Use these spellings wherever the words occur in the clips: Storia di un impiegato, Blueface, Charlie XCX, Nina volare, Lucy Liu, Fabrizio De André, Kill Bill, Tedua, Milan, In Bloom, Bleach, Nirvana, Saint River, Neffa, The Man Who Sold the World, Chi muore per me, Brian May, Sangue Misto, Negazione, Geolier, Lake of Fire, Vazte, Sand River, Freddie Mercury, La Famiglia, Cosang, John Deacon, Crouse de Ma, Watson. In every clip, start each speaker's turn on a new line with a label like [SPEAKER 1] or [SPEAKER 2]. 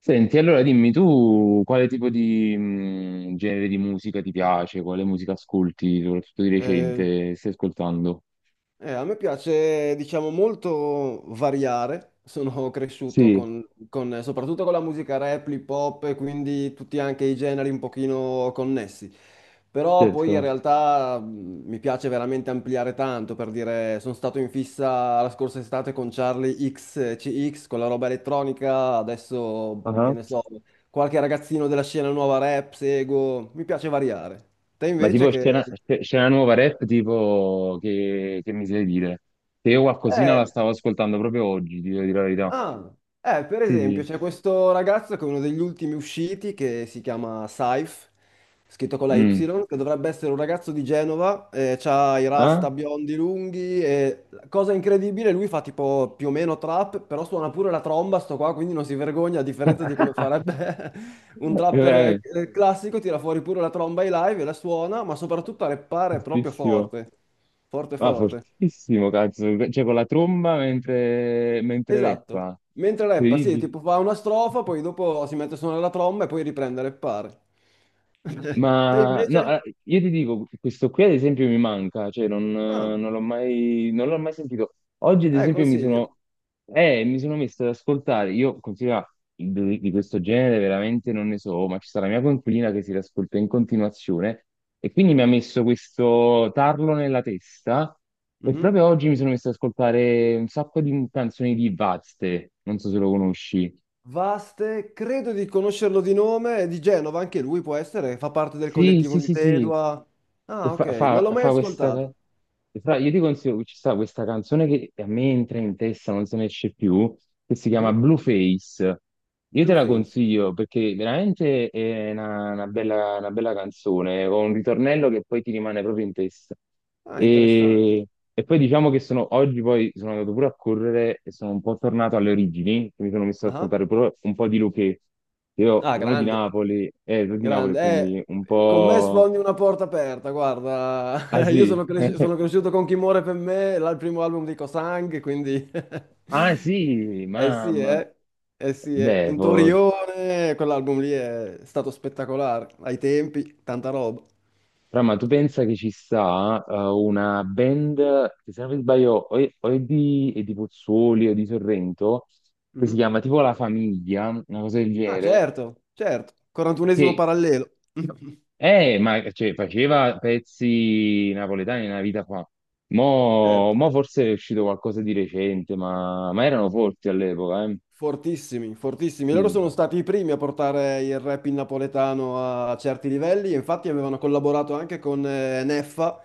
[SPEAKER 1] Senti, allora dimmi tu quale tipo di genere di musica ti piace, quale musica ascolti, soprattutto di
[SPEAKER 2] Eh,
[SPEAKER 1] recente, stai ascoltando?
[SPEAKER 2] a me piace, diciamo, molto variare. Sono cresciuto
[SPEAKER 1] Sì,
[SPEAKER 2] soprattutto con la musica rap, hip hop e quindi tutti anche i generi un pochino connessi. Però poi in
[SPEAKER 1] certo.
[SPEAKER 2] realtà mi piace veramente ampliare tanto, per dire, sono stato in fissa la scorsa estate con Charlie XCX, con la roba elettronica, adesso, che
[SPEAKER 1] Ah.
[SPEAKER 2] ne so, qualche ragazzino della scena nuova rap, seguo, mi piace variare. Te
[SPEAKER 1] Ma
[SPEAKER 2] invece
[SPEAKER 1] tipo scena,
[SPEAKER 2] che...
[SPEAKER 1] scena nuova rap, tipo che mi sai dire? Se io qualcosina la
[SPEAKER 2] Eh,
[SPEAKER 1] stavo ascoltando proprio oggi, ti devo dire la verità.
[SPEAKER 2] ah, per
[SPEAKER 1] Sì,
[SPEAKER 2] esempio, c'è
[SPEAKER 1] sì.
[SPEAKER 2] questo ragazzo che è uno degli ultimi usciti che si chiama Saif, scritto con la Y,
[SPEAKER 1] Mm.
[SPEAKER 2] che dovrebbe essere un ragazzo di Genova, ha i
[SPEAKER 1] Ah?
[SPEAKER 2] rasta biondi lunghi e cosa incredibile, lui fa tipo più o meno trap, però suona pure la tromba, sto qua, quindi non si vergogna, a differenza di come farebbe un trapper
[SPEAKER 1] Veramente,
[SPEAKER 2] classico, tira fuori pure la tromba ai live e la suona, ma soprattutto a rappare proprio
[SPEAKER 1] giustissimo.
[SPEAKER 2] forte, forte
[SPEAKER 1] Ah,
[SPEAKER 2] forte.
[SPEAKER 1] fortissimo, cazzo. Cioè, con la tromba mentre
[SPEAKER 2] Esatto.
[SPEAKER 1] reppa.
[SPEAKER 2] Mentre rappa, sì,
[SPEAKER 1] Incredibile.
[SPEAKER 2] tipo fa una strofa, poi dopo si mette a suonare la tromba e poi riprende a rappare. Te
[SPEAKER 1] Ma no,
[SPEAKER 2] invece?
[SPEAKER 1] io ti dico, questo qui ad esempio mi manca, cioè
[SPEAKER 2] Ah,
[SPEAKER 1] non l'ho mai, non l'ho mai sentito. Oggi ad esempio
[SPEAKER 2] consiglio.
[SPEAKER 1] mi sono messo ad ascoltare, io considero di questo genere veramente non ne so, ma ci sta la mia coinquilina che si riascolta in continuazione e quindi mi ha messo questo tarlo nella testa e
[SPEAKER 2] Mhm.
[SPEAKER 1] proprio oggi mi sono messo ad ascoltare un sacco di canzoni di Vazte, non so se lo conosci.
[SPEAKER 2] Vaste, credo di conoscerlo di nome, è di Genova, anche lui può essere, fa parte del
[SPEAKER 1] Sì,
[SPEAKER 2] collettivo
[SPEAKER 1] sì,
[SPEAKER 2] di
[SPEAKER 1] sì, sì.
[SPEAKER 2] Tedua.
[SPEAKER 1] E
[SPEAKER 2] Ah, ok, non l'ho mai
[SPEAKER 1] fa questa...
[SPEAKER 2] ascoltato.
[SPEAKER 1] e io ti consiglio che ci sta questa canzone che a me entra in testa, non se ne esce più, che si chiama
[SPEAKER 2] Mhm.
[SPEAKER 1] Blueface. Io te la
[SPEAKER 2] Blueface.
[SPEAKER 1] consiglio perché veramente è una bella canzone, con un ritornello che poi ti rimane proprio in testa.
[SPEAKER 2] Ah, interessante.
[SPEAKER 1] E, e poi diciamo che sono, oggi poi sono andato pure a correre e sono un po' tornato alle origini, mi sono messo ad
[SPEAKER 2] Ah,
[SPEAKER 1] ascoltare pure un po' di Luchè. Io
[SPEAKER 2] ah, grande.
[SPEAKER 1] Sono di Napoli,
[SPEAKER 2] Grande,
[SPEAKER 1] quindi un
[SPEAKER 2] con me
[SPEAKER 1] po'...
[SPEAKER 2] sfondi una porta aperta, guarda,
[SPEAKER 1] Ah
[SPEAKER 2] io
[SPEAKER 1] sì?
[SPEAKER 2] sono, sono cresciuto con Chi muore per me, là il primo album di Cosang, quindi...
[SPEAKER 1] Ah sì,
[SPEAKER 2] Eh sì,
[SPEAKER 1] mamma.
[SPEAKER 2] eh, eh sì, eh.
[SPEAKER 1] Beh,
[SPEAKER 2] In
[SPEAKER 1] for...
[SPEAKER 2] Torione, quell'album lì è stato spettacolare, ai tempi, tanta roba.
[SPEAKER 1] Però, ma tu pensa che ci sta una band, che se non mi sbaglio, o è, è di Pozzuoli o di Sorrento, che si
[SPEAKER 2] Mhm.
[SPEAKER 1] chiama tipo La Famiglia, una cosa del
[SPEAKER 2] Ah,
[SPEAKER 1] genere,
[SPEAKER 2] certo, certo, 41esimo
[SPEAKER 1] che
[SPEAKER 2] parallelo,
[SPEAKER 1] ma, cioè, faceva pezzi napoletani nella vita fa.
[SPEAKER 2] certo.
[SPEAKER 1] Mo forse è uscito qualcosa di recente, ma erano forti all'epoca, eh.
[SPEAKER 2] Fortissimi, fortissimi. Loro
[SPEAKER 1] Sì,
[SPEAKER 2] sono stati i primi a portare il rap in napoletano a certi livelli, e infatti avevano collaborato anche con Neffa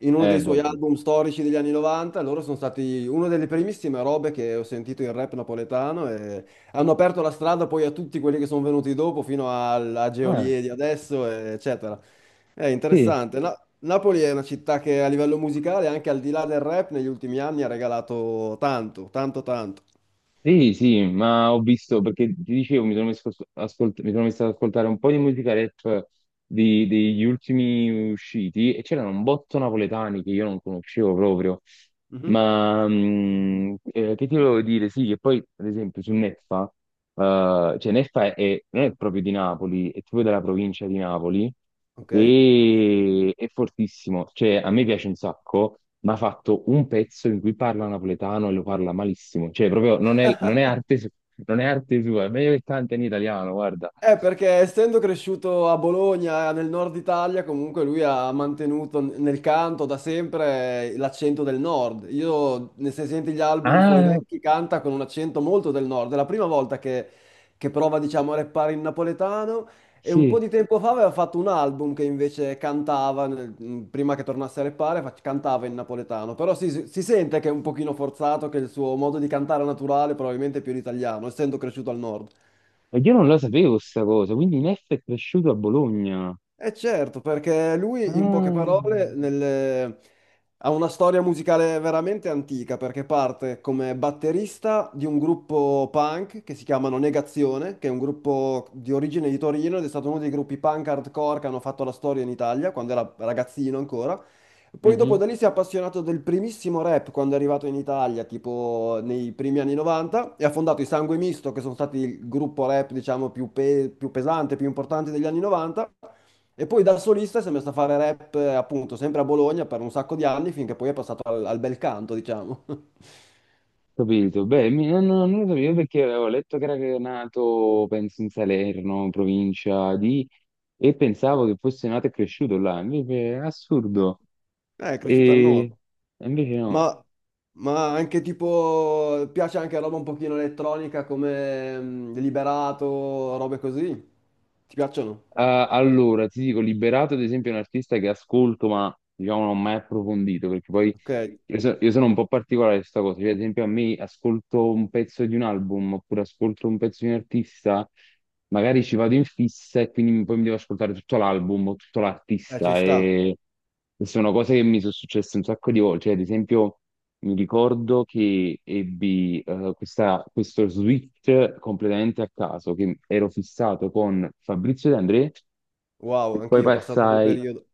[SPEAKER 2] in uno
[SPEAKER 1] eh
[SPEAKER 2] dei
[SPEAKER 1] beh
[SPEAKER 2] suoi
[SPEAKER 1] sì.
[SPEAKER 2] album storici degli anni 90. Loro sono stati una delle primissime robe che ho sentito in rap napoletano e hanno aperto la strada poi a tutti quelli che sono venuti dopo, fino a
[SPEAKER 1] Ah,
[SPEAKER 2] Geolier di adesso, eccetera. È
[SPEAKER 1] sì,
[SPEAKER 2] interessante. Napoli è una città che a livello musicale, anche al di là del rap, negli ultimi anni ha regalato tanto, tanto, tanto.
[SPEAKER 1] sì, sì, ma ho visto, perché ti dicevo, mi sono messo, a mi sono messo ad ascoltare un po' di musica rap degli ultimi usciti e c'erano un botto napoletani che io non conoscevo proprio,
[SPEAKER 2] Mhm.
[SPEAKER 1] ma che ti volevo dire, sì, che poi ad esempio su Neffa, cioè Neffa non è proprio di Napoli, è proprio della provincia di Napoli
[SPEAKER 2] Ok.
[SPEAKER 1] e è fortissimo, cioè a me piace un sacco. Ma ha fatto un pezzo in cui parla napoletano e lo parla malissimo. Cioè, proprio non è arte, non è arte sua, è meglio che canta in italiano, guarda.
[SPEAKER 2] Perché essendo cresciuto a Bologna, nel nord Italia, comunque lui ha mantenuto nel canto da sempre l'accento del nord. Io, se senti gli album suoi
[SPEAKER 1] Ah,
[SPEAKER 2] vecchi, canta con un accento molto del nord. È la prima volta che prova, diciamo, a rappare in napoletano. E un po'
[SPEAKER 1] sì.
[SPEAKER 2] di tempo fa aveva fatto un album che invece cantava, prima che tornasse a rappare, cantava in napoletano. Però si sente che è un pochino forzato, che il suo modo di cantare naturale probabilmente è più l'italiano, essendo cresciuto al nord.
[SPEAKER 1] E io non lo sapevo sta cosa, quindi Neff è cresciuto a Bologna.
[SPEAKER 2] Eh certo, perché lui in poche parole
[SPEAKER 1] Ah.
[SPEAKER 2] ha una storia musicale veramente antica, perché parte come batterista di un gruppo punk che si chiamano Negazione, che è un gruppo di origine di Torino ed è stato uno dei gruppi punk hardcore che hanno fatto la storia in Italia, quando era ragazzino ancora. Poi dopo
[SPEAKER 1] Mhm.
[SPEAKER 2] da lì si è appassionato del primissimo rap quando è arrivato in Italia, tipo nei primi anni 90, e ha fondato i Sangue Misto, che sono stati il gruppo rap, diciamo, più pesante, più importante degli anni 90. E poi da solista si è messo a fare rap, appunto, sempre a Bologna per un sacco di anni, finché poi è passato al bel canto, diciamo.
[SPEAKER 1] Capito, beh, non lo sapevo perché avevo letto che era nato, penso, in Salerno, provincia di, e pensavo che fosse nato e cresciuto là, invece è assurdo.
[SPEAKER 2] È cresciuto al
[SPEAKER 1] E
[SPEAKER 2] nord.
[SPEAKER 1] e invece no.
[SPEAKER 2] Ma, ma anche tipo, piace anche roba un pochino elettronica come Liberato, robe così? Ti piacciono?
[SPEAKER 1] Eh, allora, ti dico, Liberato ad esempio è un artista che ascolto, ma diciamo non ho mai approfondito, perché poi
[SPEAKER 2] Ok,
[SPEAKER 1] io sono un po' particolare su questa cosa, cioè ad esempio a me ascolto un pezzo di un album oppure ascolto un pezzo di un artista, magari ci vado in fissa e quindi poi mi devo ascoltare tutto l'album o tutto
[SPEAKER 2] ci
[SPEAKER 1] l'artista
[SPEAKER 2] sta.
[SPEAKER 1] e sono cose che mi sono successe un sacco di volte, cioè ad esempio... Mi ricordo che ebbi questo switch completamente a caso, che ero fissato con Fabrizio De André
[SPEAKER 2] Wow,
[SPEAKER 1] e poi
[SPEAKER 2] anch'io ho passato quel
[SPEAKER 1] passai,
[SPEAKER 2] periodo.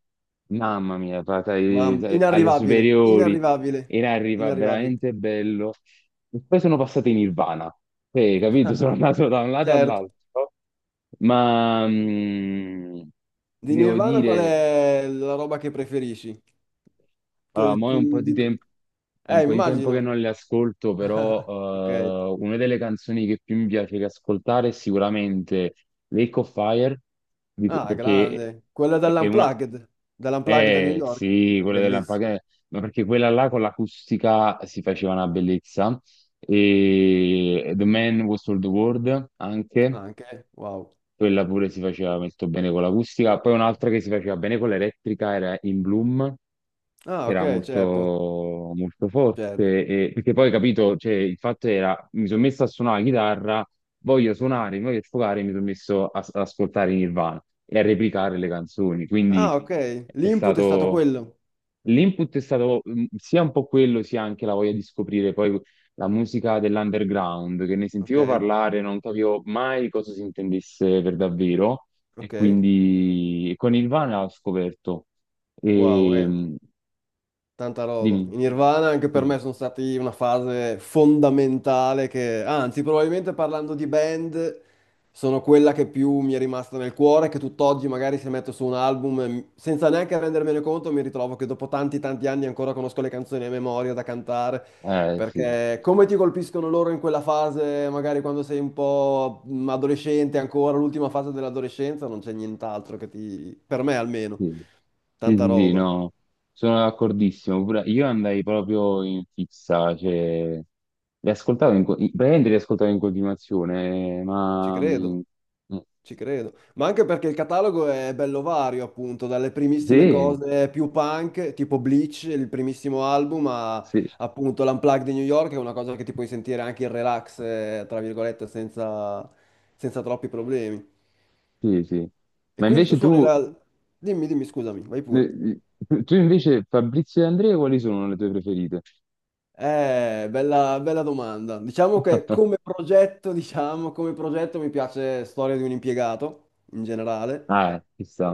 [SPEAKER 1] mamma mia, passai,
[SPEAKER 2] Mamma,
[SPEAKER 1] sai, alle
[SPEAKER 2] inarrivabile,
[SPEAKER 1] superiori,
[SPEAKER 2] inarrivabile,
[SPEAKER 1] era arriva
[SPEAKER 2] inarrivabile.
[SPEAKER 1] veramente bello. E poi sono passato in Nirvana. Capito? Sono andato da un lato
[SPEAKER 2] Certo.
[SPEAKER 1] all'altro, ma ti
[SPEAKER 2] Di
[SPEAKER 1] devo
[SPEAKER 2] Nirvana qual
[SPEAKER 1] dire,
[SPEAKER 2] è la roba che preferisci?
[SPEAKER 1] allora,
[SPEAKER 2] Che-
[SPEAKER 1] mo è un po'
[SPEAKER 2] mm,
[SPEAKER 1] di
[SPEAKER 2] di-
[SPEAKER 1] tempo, è un po' di tempo che
[SPEAKER 2] Immagino.
[SPEAKER 1] non le ascolto, però
[SPEAKER 2] Ok.
[SPEAKER 1] una delle canzoni che più mi piace che ascoltare è sicuramente Lake of Fire,
[SPEAKER 2] Ah,
[SPEAKER 1] perché
[SPEAKER 2] grande. Quella
[SPEAKER 1] è una...
[SPEAKER 2] dell'Unplugged, dell'Unplugged a New
[SPEAKER 1] Eh
[SPEAKER 2] York.
[SPEAKER 1] sì, quella della
[SPEAKER 2] Bellissimo.
[SPEAKER 1] Ma perché quella là con l'acustica si faceva una bellezza. E The Man Who Sold the World anche.
[SPEAKER 2] Anche, wow.
[SPEAKER 1] Quella pure si faceva molto bene con l'acustica. Poi un'altra che si faceva bene con l'elettrica era In Bloom,
[SPEAKER 2] Ah,
[SPEAKER 1] che era
[SPEAKER 2] ok,
[SPEAKER 1] molto,
[SPEAKER 2] certo,
[SPEAKER 1] molto
[SPEAKER 2] certo.
[SPEAKER 1] forte. Perché poi, capito, cioè, il fatto era, mi sono messo a suonare la chitarra, voglio suonare, mi voglio sfogare, mi sono messo ad ascoltare Nirvana e a replicare le canzoni. Quindi
[SPEAKER 2] Ah, ok.
[SPEAKER 1] è
[SPEAKER 2] L'input è stato
[SPEAKER 1] stato...
[SPEAKER 2] quello.
[SPEAKER 1] L'input è stato sia un po' quello, sia anche la voglia di scoprire poi la musica dell'underground, che ne
[SPEAKER 2] Ok,
[SPEAKER 1] sentivo parlare, non capivo mai cosa si intendesse per davvero, e
[SPEAKER 2] ok.
[SPEAKER 1] quindi con Nirvana l'ho scoperto.
[SPEAKER 2] Wow,
[SPEAKER 1] E,
[SPEAKER 2] eh. Tanta roba.
[SPEAKER 1] dimmi,
[SPEAKER 2] I Nirvana anche per
[SPEAKER 1] sì,
[SPEAKER 2] me sono stati una fase fondamentale che, anzi, probabilmente parlando di band, sono quella che più mi è rimasta nel cuore, che tutt'oggi magari se metto su un album, senza neanche rendermene conto, mi ritrovo che dopo tanti tanti anni ancora conosco le canzoni a memoria da cantare,
[SPEAKER 1] sì,
[SPEAKER 2] perché come ti colpiscono loro in quella fase, magari quando sei un po' adolescente ancora, l'ultima fase dell'adolescenza, non c'è nient'altro che ti, per me almeno,
[SPEAKER 1] sì, sì,
[SPEAKER 2] tanta
[SPEAKER 1] sì, sì,
[SPEAKER 2] roba.
[SPEAKER 1] no, sono d'accordissimo. Pure io andai proprio in fissa, cioè, li ascoltavo in, co- praticamente li ascoltavo in continuazione,
[SPEAKER 2] Ci
[SPEAKER 1] ma...
[SPEAKER 2] credo.
[SPEAKER 1] mm,
[SPEAKER 2] Ci credo, ma anche perché il catalogo è bello vario, appunto, dalle primissime
[SPEAKER 1] sì,
[SPEAKER 2] cose più punk, tipo Bleach, il primissimo album, a
[SPEAKER 1] sì,
[SPEAKER 2] appunto l'Unplugged di New York, che è una cosa che ti puoi sentire anche in relax, tra virgolette, senza, senza troppi problemi.
[SPEAKER 1] sì, sì.
[SPEAKER 2] E
[SPEAKER 1] Ma
[SPEAKER 2] quindi tu
[SPEAKER 1] invece
[SPEAKER 2] suoni
[SPEAKER 1] tu,
[SPEAKER 2] la... Dimmi, dimmi, scusami, vai pure.
[SPEAKER 1] eh, tu invece Fabrizio e Andrea, quali sono le tue preferite?
[SPEAKER 2] Bella, bella domanda. Diciamo che come progetto, diciamo, come progetto mi piace Storia di un impiegato in generale,
[SPEAKER 1] Ah, ci sta.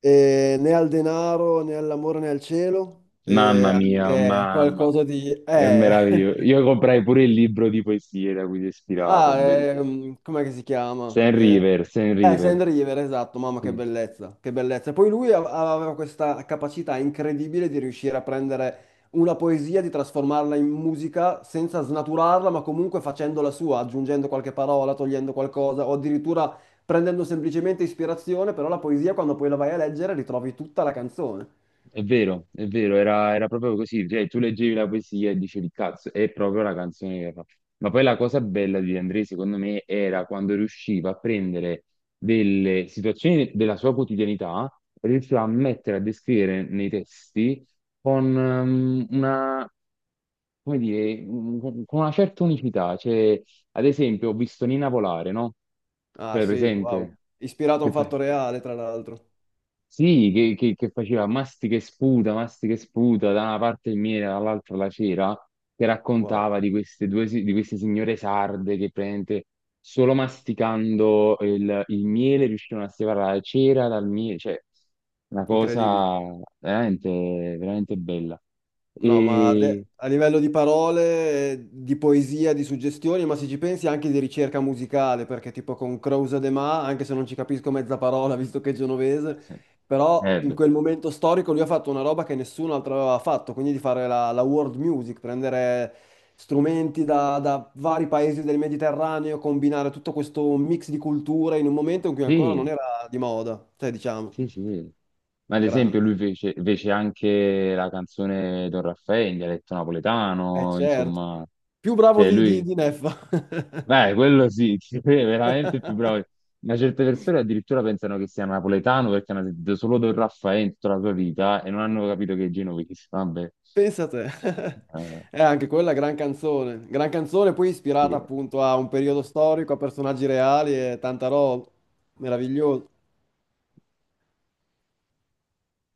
[SPEAKER 2] né al denaro, né all'amore, né al cielo,
[SPEAKER 1] Mamma mia,
[SPEAKER 2] che è
[SPEAKER 1] mamma,
[SPEAKER 2] qualcosa di...
[SPEAKER 1] è
[SPEAKER 2] Eh.
[SPEAKER 1] meraviglioso. Io comprai pure il libro di poesie da cui si è ispirato,
[SPEAKER 2] Ah,
[SPEAKER 1] bellissimo.
[SPEAKER 2] com'è che si chiama?
[SPEAKER 1] Saint River, Saint River.
[SPEAKER 2] Sand River, esatto, mamma che
[SPEAKER 1] Sì.
[SPEAKER 2] bellezza, che bellezza. Poi lui aveva questa capacità incredibile di riuscire a prendere una poesia, di trasformarla in musica senza snaturarla, ma comunque facendola sua, aggiungendo qualche parola, togliendo qualcosa, o addirittura prendendo semplicemente ispirazione, però la poesia quando poi la vai a leggere ritrovi tutta la canzone.
[SPEAKER 1] È vero, era proprio così, cioè tu leggevi la poesia e dicevi cazzo, è proprio la canzone che fa. Ma poi la cosa bella di De André, secondo me, era quando riusciva a prendere delle situazioni della sua quotidianità, riusciva a mettere, a descrivere nei testi con una, come dire, un- con una certa unicità. Cioè, ad esempio, ho visto Nina volare, no?
[SPEAKER 2] Ah
[SPEAKER 1] Cioè,
[SPEAKER 2] sì, wow.
[SPEAKER 1] presente?
[SPEAKER 2] Ispirato a
[SPEAKER 1] Che
[SPEAKER 2] un
[SPEAKER 1] fa-
[SPEAKER 2] fatto reale, tra l'altro.
[SPEAKER 1] sì, che faceva mastica e sputa, da una parte il miele, dall'altra la cera, che
[SPEAKER 2] Wow,
[SPEAKER 1] raccontava di queste due, di queste signore sarde che praticamente solo masticando il miele riuscivano a separare la cera dal miele, cioè una
[SPEAKER 2] incredibile.
[SPEAKER 1] cosa veramente, veramente bella.
[SPEAKER 2] No, ma
[SPEAKER 1] E...
[SPEAKER 2] a livello di parole, di poesia, di suggestioni, ma se ci pensi anche di ricerca musicale, perché tipo con Crouse de Ma, anche se non ci capisco mezza parola, visto che è genovese,
[SPEAKER 1] sì,
[SPEAKER 2] però in
[SPEAKER 1] beh,
[SPEAKER 2] quel momento storico lui ha fatto una roba che nessun altro aveva fatto, quindi di fare la world music, prendere strumenti da vari paesi del Mediterraneo, combinare tutto questo mix di culture in un momento in cui ancora non
[SPEAKER 1] sì,
[SPEAKER 2] era di moda, cioè diciamo,
[SPEAKER 1] sì, sì. Ma ad
[SPEAKER 2] grande.
[SPEAKER 1] esempio lui fece, fece anche la canzone Don Raffaele in dialetto
[SPEAKER 2] Eh
[SPEAKER 1] napoletano,
[SPEAKER 2] certo,
[SPEAKER 1] insomma,
[SPEAKER 2] più bravo
[SPEAKER 1] cioè lui,
[SPEAKER 2] di Neffa.
[SPEAKER 1] beh, quello sì, sì, è veramente il più bravo. Ma certe persone addirittura pensano che sia napoletano perché hanno sentito solo Don Raffaele in tutta la sua vita e non hanno capito che è genovese, vabbè.
[SPEAKER 2] Pensa te,
[SPEAKER 1] Eh,
[SPEAKER 2] è anche quella gran canzone poi ispirata
[SPEAKER 1] sì.
[SPEAKER 2] appunto a un periodo storico, a personaggi reali e tanta roba, meraviglioso.